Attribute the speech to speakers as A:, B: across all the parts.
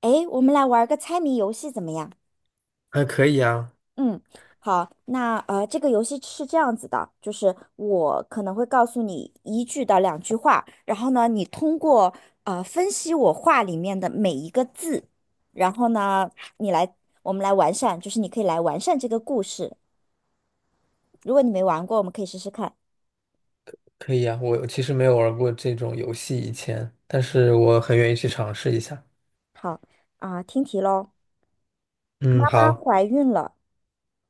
A: 诶，我们来玩个猜谜游戏怎么样？
B: 还可以啊，
A: 嗯，好，那这个游戏是这样子的，就是我可能会告诉你一句到两句话，然后呢，你通过分析我话里面的每一个字，然后呢，你来，我们来完善，就是你可以来完善这个故事。如果你没玩过，我们可以试试看。
B: 可以啊。我其实没有玩过这种游戏以前，但是我很愿意去尝试一下。
A: 好，啊，听题喽。妈
B: 嗯，
A: 妈
B: 好。
A: 怀孕了，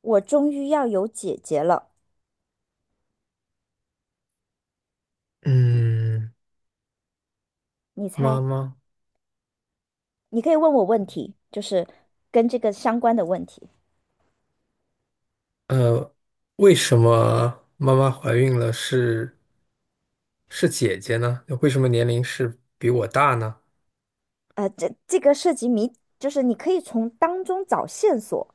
A: 我终于要有姐姐了。
B: 嗯，
A: 你猜，
B: 妈妈，
A: 你可以问我问题，就是跟这个相关的问题。
B: 呃，为什么妈妈怀孕了是姐姐呢？为什么年龄是比我大呢？
A: 这个涉及谜，就是你可以从当中找线索，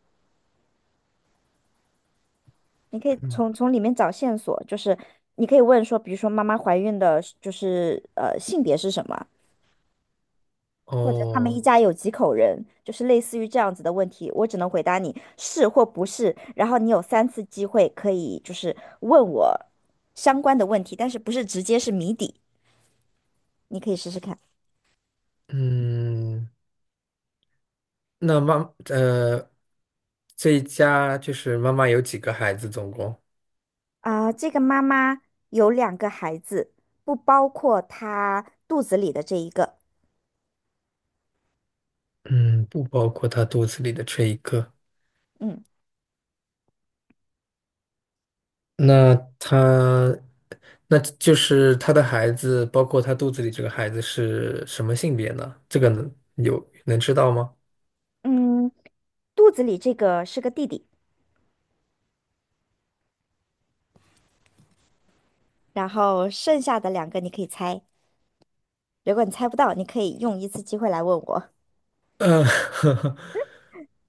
A: 你可以
B: 嗯，
A: 从里面找线索，就是你可以问说，比如说妈妈怀孕的是就是性别是什么，或者他们
B: 哦，
A: 一家有几口人，就是类似于这样子的问题，我只能回答你是或不是，然后你有三次机会可以就是问我相关的问题，但是不是直接是谜底，你可以试试看。
B: 嗯，那妈，这一家就是妈妈有几个孩子总共？
A: 这个妈妈有两个孩子，不包括她肚子里的这一个。
B: 嗯，不包括她肚子里的这一个。
A: 嗯。
B: 那他，那就是他的孩子，包括他肚子里这个孩子是什么性别呢？这个能知道吗？
A: 嗯，肚子里这个是个弟弟，然后剩下的两个你可以猜。如果你猜不到，你可以用一次机会来问我。
B: 呃，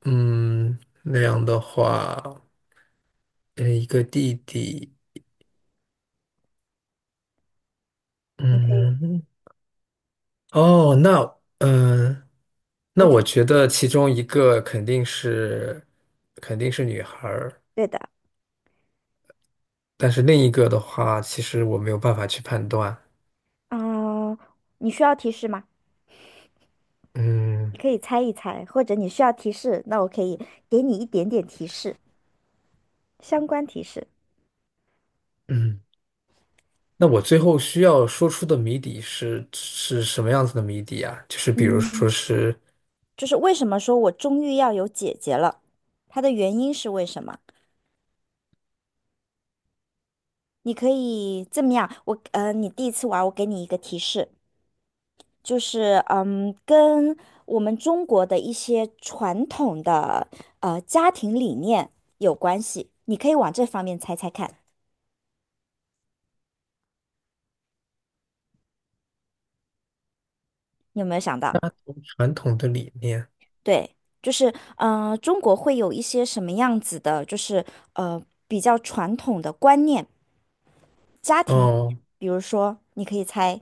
B: 嗯，那样的话，一个弟弟，
A: 你可以，
B: 嗯，哦，那，嗯、
A: 我
B: 那
A: 觉
B: 我
A: 得
B: 觉得其中一个肯定是女孩儿，
A: 对的。
B: 但是另一个的话，其实我没有办法去判断。
A: 啊、你需要提示吗？
B: 嗯
A: 你可以猜一猜，或者你需要提示，那我可以给你一点点提示，相关提示。
B: 嗯。那我最后需要说出的谜底是什么样子的谜底啊？就是比如说
A: 嗯，
B: 是
A: 就是为什么说我终于要有姐姐了，它的原因是为什么？你可以这么样，你第一次玩，我给你一个提示，就是嗯，跟我们中国的一些传统的家庭理念有关系。你可以往这方面猜猜看，你有没有想到？
B: 家族传统的理念，
A: 对，就是中国会有一些什么样子的，就是呃比较传统的观念，家庭理
B: 哦，
A: 念比如说，你可以猜，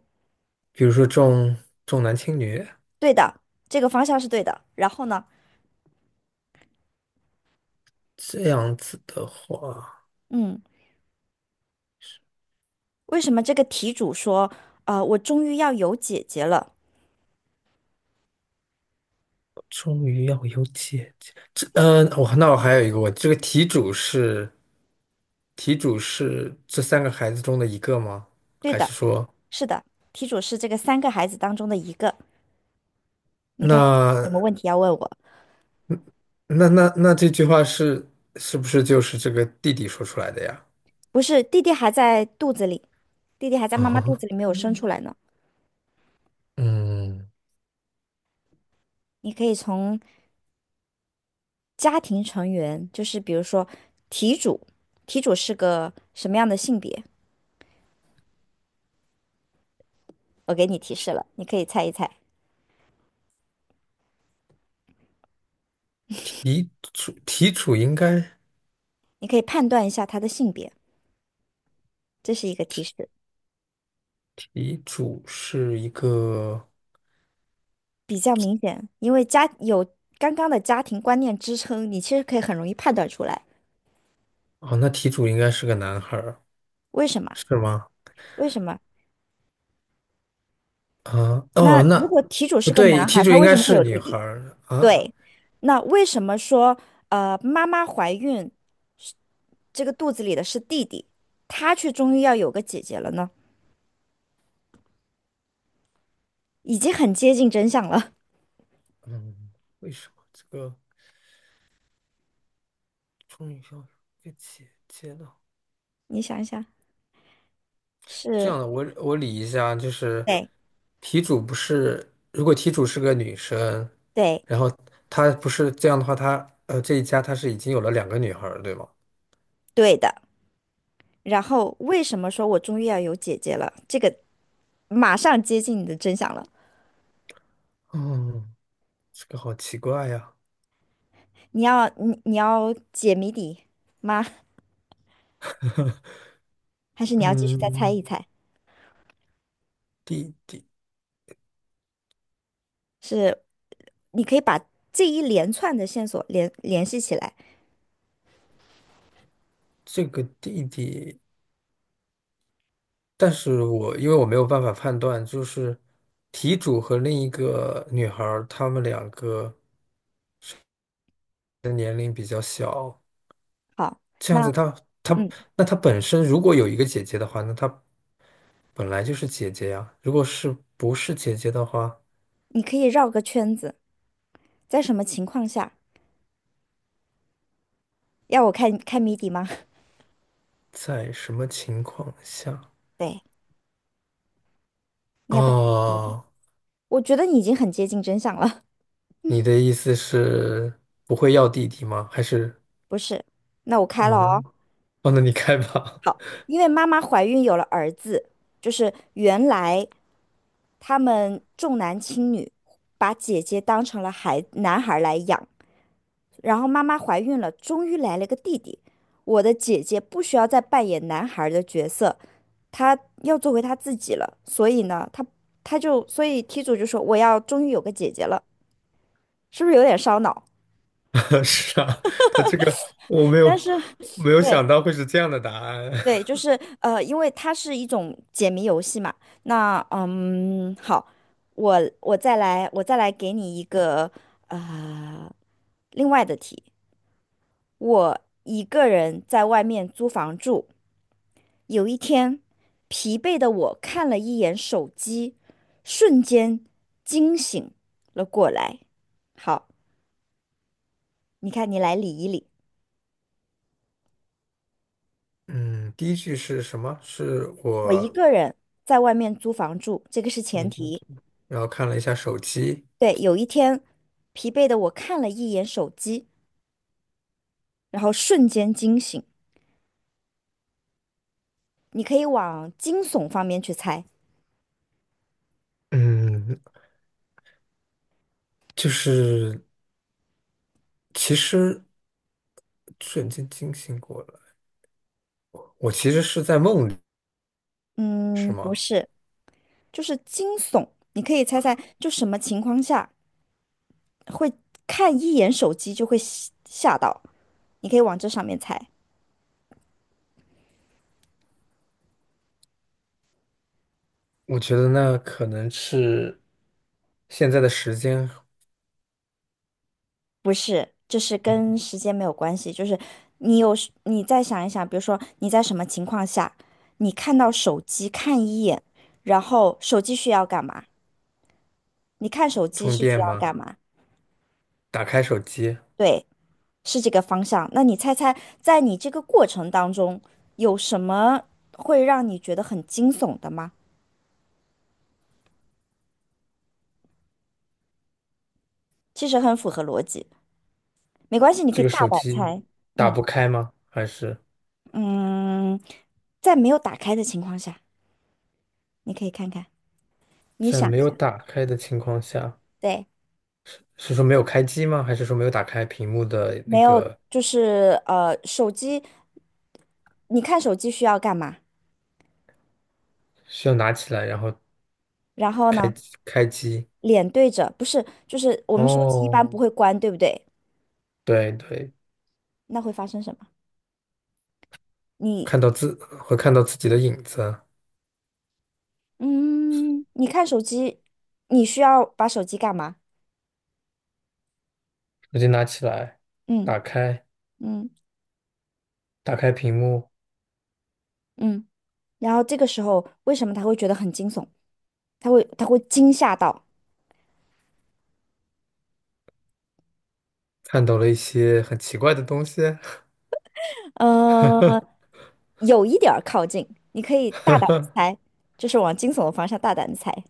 B: 比如说重男轻女。
A: 对的，这个方向是对的。然后呢，
B: 这样子的话，
A: 嗯，为什么这个题主说，我终于要有姐姐了？
B: 终于要有姐姐。这，嗯、我、那我还有一个问题，这个题主是这三个孩子中的一个吗？
A: 对
B: 还
A: 的，
B: 是说，
A: 是的，题主是这个三个孩子当中的一个。你看看有什
B: 那
A: 么问题要问我？
B: 那那这句话是不是就是这个弟弟说出来的呀？
A: 不是，弟弟还在肚子里，弟弟还 在妈妈肚
B: 啊、
A: 子里没有生出来呢。
B: 嗯，
A: 你可以从家庭成员，就是比如说题主，题主是个什么样的性别？我给你提示了，你可以猜一猜，
B: 题主题主应该
A: 你可以判断一下他的性别，这是一个提示，
B: 题主是一个
A: 比较明显，因为家有刚刚的家庭观念支撑，你其实可以很容易判断出来。
B: 哦，那题主应该是个男孩儿，
A: 为什么？
B: 是吗？
A: 为什么？
B: 啊，
A: 那
B: 哦，
A: 如
B: 那
A: 果题主
B: 不
A: 是个
B: 对，
A: 男
B: 题
A: 孩，
B: 主
A: 他
B: 应
A: 为什
B: 该
A: 么会
B: 是
A: 有弟
B: 女孩
A: 弟？
B: 儿啊。
A: 对，那为什么说妈妈怀孕是这个肚子里的是弟弟，他却终于要有个姐姐了呢？已经很接近真相了，
B: 嗯，为什么这个终于要被姐姐了？
A: 你想一想，
B: 这
A: 是，
B: 样的，我理一下，就是
A: 对
B: 题主不是，如果题主是个女生，
A: 对
B: 然后她不是这样的话，她这一家她是已经有了两个女孩儿，对吗？
A: 对的。然后为什么说我终于要有姐姐了？这个马上接近你的真相了。
B: 嗯，这个好奇怪呀。
A: 你要你要解谜底吗？还是你要继续再猜
B: 嗯，
A: 一猜？
B: 弟弟，
A: 是你可以把这一连串的线索联系起来。
B: 这个弟弟，但是我因为我没有办法判断，就是题主和另一个女孩儿，她们两个比较小，
A: 好，
B: 这
A: 那
B: 样子她，
A: 嗯，
B: 那她本身如果有一个姐姐的话，那她本来就是姐姐呀。如果是不是姐姐的话，
A: 你可以绕个圈子，在什么情况下？要我开谜底吗？
B: 在什么情况下？
A: 对，你要不要？嗯
B: 哦，
A: 我觉得你已经很接近真相了，
B: 你的意思是不会要弟弟吗？还是
A: 不是？那我开了
B: 嗯，
A: 哦。
B: 哦，那你开吧。
A: 好，因为妈妈怀孕有了儿子，就是原来他们重男轻女，把姐姐当成了男孩儿来养，然后妈妈怀孕了，终于来了个弟弟。我的姐姐不需要再扮演男孩的角色，她要做回她自己了。所以呢，她她就所以题主就说我要终于有个姐姐了，是不是有点烧脑？
B: 是啊，他这个我没有
A: 但是
B: 没 有想
A: 对
B: 到会是这样的答案。
A: 对，就 是因为它是一种解谜游戏嘛。那嗯，好，我再来给你一个呃另外的题。我一个人在外面租房住。有一天，疲惫的我看了一眼手机，瞬间惊醒了过来。好，你看，你来理一理。
B: 嗯，第一句是什么？是
A: 我一
B: 我，
A: 个人在外面租房住，这个是前
B: 嗯，
A: 提。
B: 然后看了一下手机，
A: 对，有一天，疲惫的我看了一眼手机，然后瞬间惊醒。你可以往惊悚方面去猜。
B: 嗯，就是其实瞬间惊醒过来，我其实是在梦里，是
A: 嗯，不
B: 吗？
A: 是，就是惊悚。你可以猜猜，就什么情况下会看一眼手机就会吓到？你可以往这上面猜。
B: 我觉得那可能是现在的时间。
A: 不是，就是跟时间没有关系，就是你有时你再想一想，比如说你在什么情况下，你看到手机看一眼，然后手机需要干嘛？你看手机
B: 充
A: 是需
B: 电
A: 要
B: 吗？
A: 干嘛？
B: 打开手机，
A: 对，是这个方向。那你猜猜，在你这个过程当中，有什么会让你觉得很惊悚的吗？其实很符合逻辑，没关系，你可
B: 这
A: 以
B: 个
A: 大
B: 手
A: 胆
B: 机
A: 猜。
B: 打
A: 嗯
B: 不开吗？还是
A: 嗯，在没有打开的情况下，你可以看看，你
B: 在
A: 想
B: 没
A: 一
B: 有
A: 下，
B: 打开的情况下？
A: 对。
B: 是说没有开机吗？还是说没有打开屏幕的那
A: 没有，
B: 个
A: 就是手机，你看手机需要干嘛？
B: 需要拿起来然后
A: 然后
B: 开
A: 呢，
B: 机开机？
A: 脸对着，不是，就是我们手机一
B: 哦，
A: 般不会关，对不对？
B: 对对，
A: 那会发生什么？你，
B: 看到自会看到自己的影子，
A: 嗯，你看手机，你需要把手机干嘛？
B: 手机拿起来，
A: 嗯
B: 打开
A: 嗯
B: 打开屏幕，
A: 嗯。然后这个时候，为什么他会觉得很惊悚？他会惊吓到，
B: 看到了一些很奇怪的东西，
A: 呃，有一点儿靠近，你可以大胆地 猜，就是往惊悚的方向大胆地猜，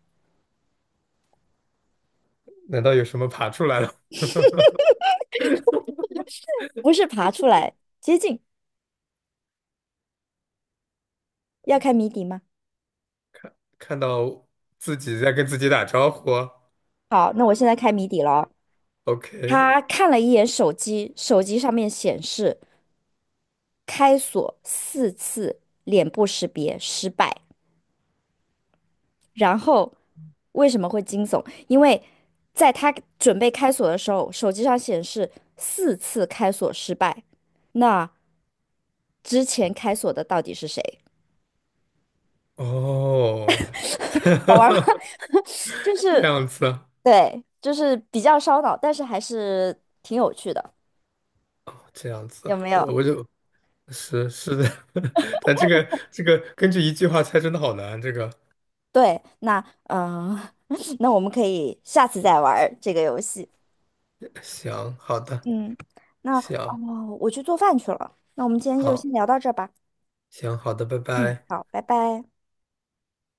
B: 难道有什么爬出来了？
A: 不是爬出来接近，要开谜底吗？
B: 看到自己在跟自己打招呼
A: 好，那我现在开谜底了。
B: ，OK，
A: 他看了一眼手机，手机上面显示开锁四次，脸部识别失败。然后为什么会惊悚？因为在他准备开锁的时候，手机上显示四次开锁失败。那之前开锁的到底是谁？
B: 哦，
A: 好玩吗？就
B: 这
A: 是
B: 样子啊，
A: 对，就是比较烧脑，但是还是挺有趣的，
B: 这样子
A: 有
B: 啊，
A: 没
B: 我
A: 有？
B: 我就是是的，但这个根据一句话猜真的好难。这个
A: 对，那嗯，那我们可以下次再玩儿这个游戏。
B: 行，好的
A: 嗯，那哦，
B: 行，
A: 我去做饭去了。那我们今天就
B: 好
A: 先聊到这儿吧。
B: 行好的，拜
A: 嗯，
B: 拜。
A: 好，拜拜。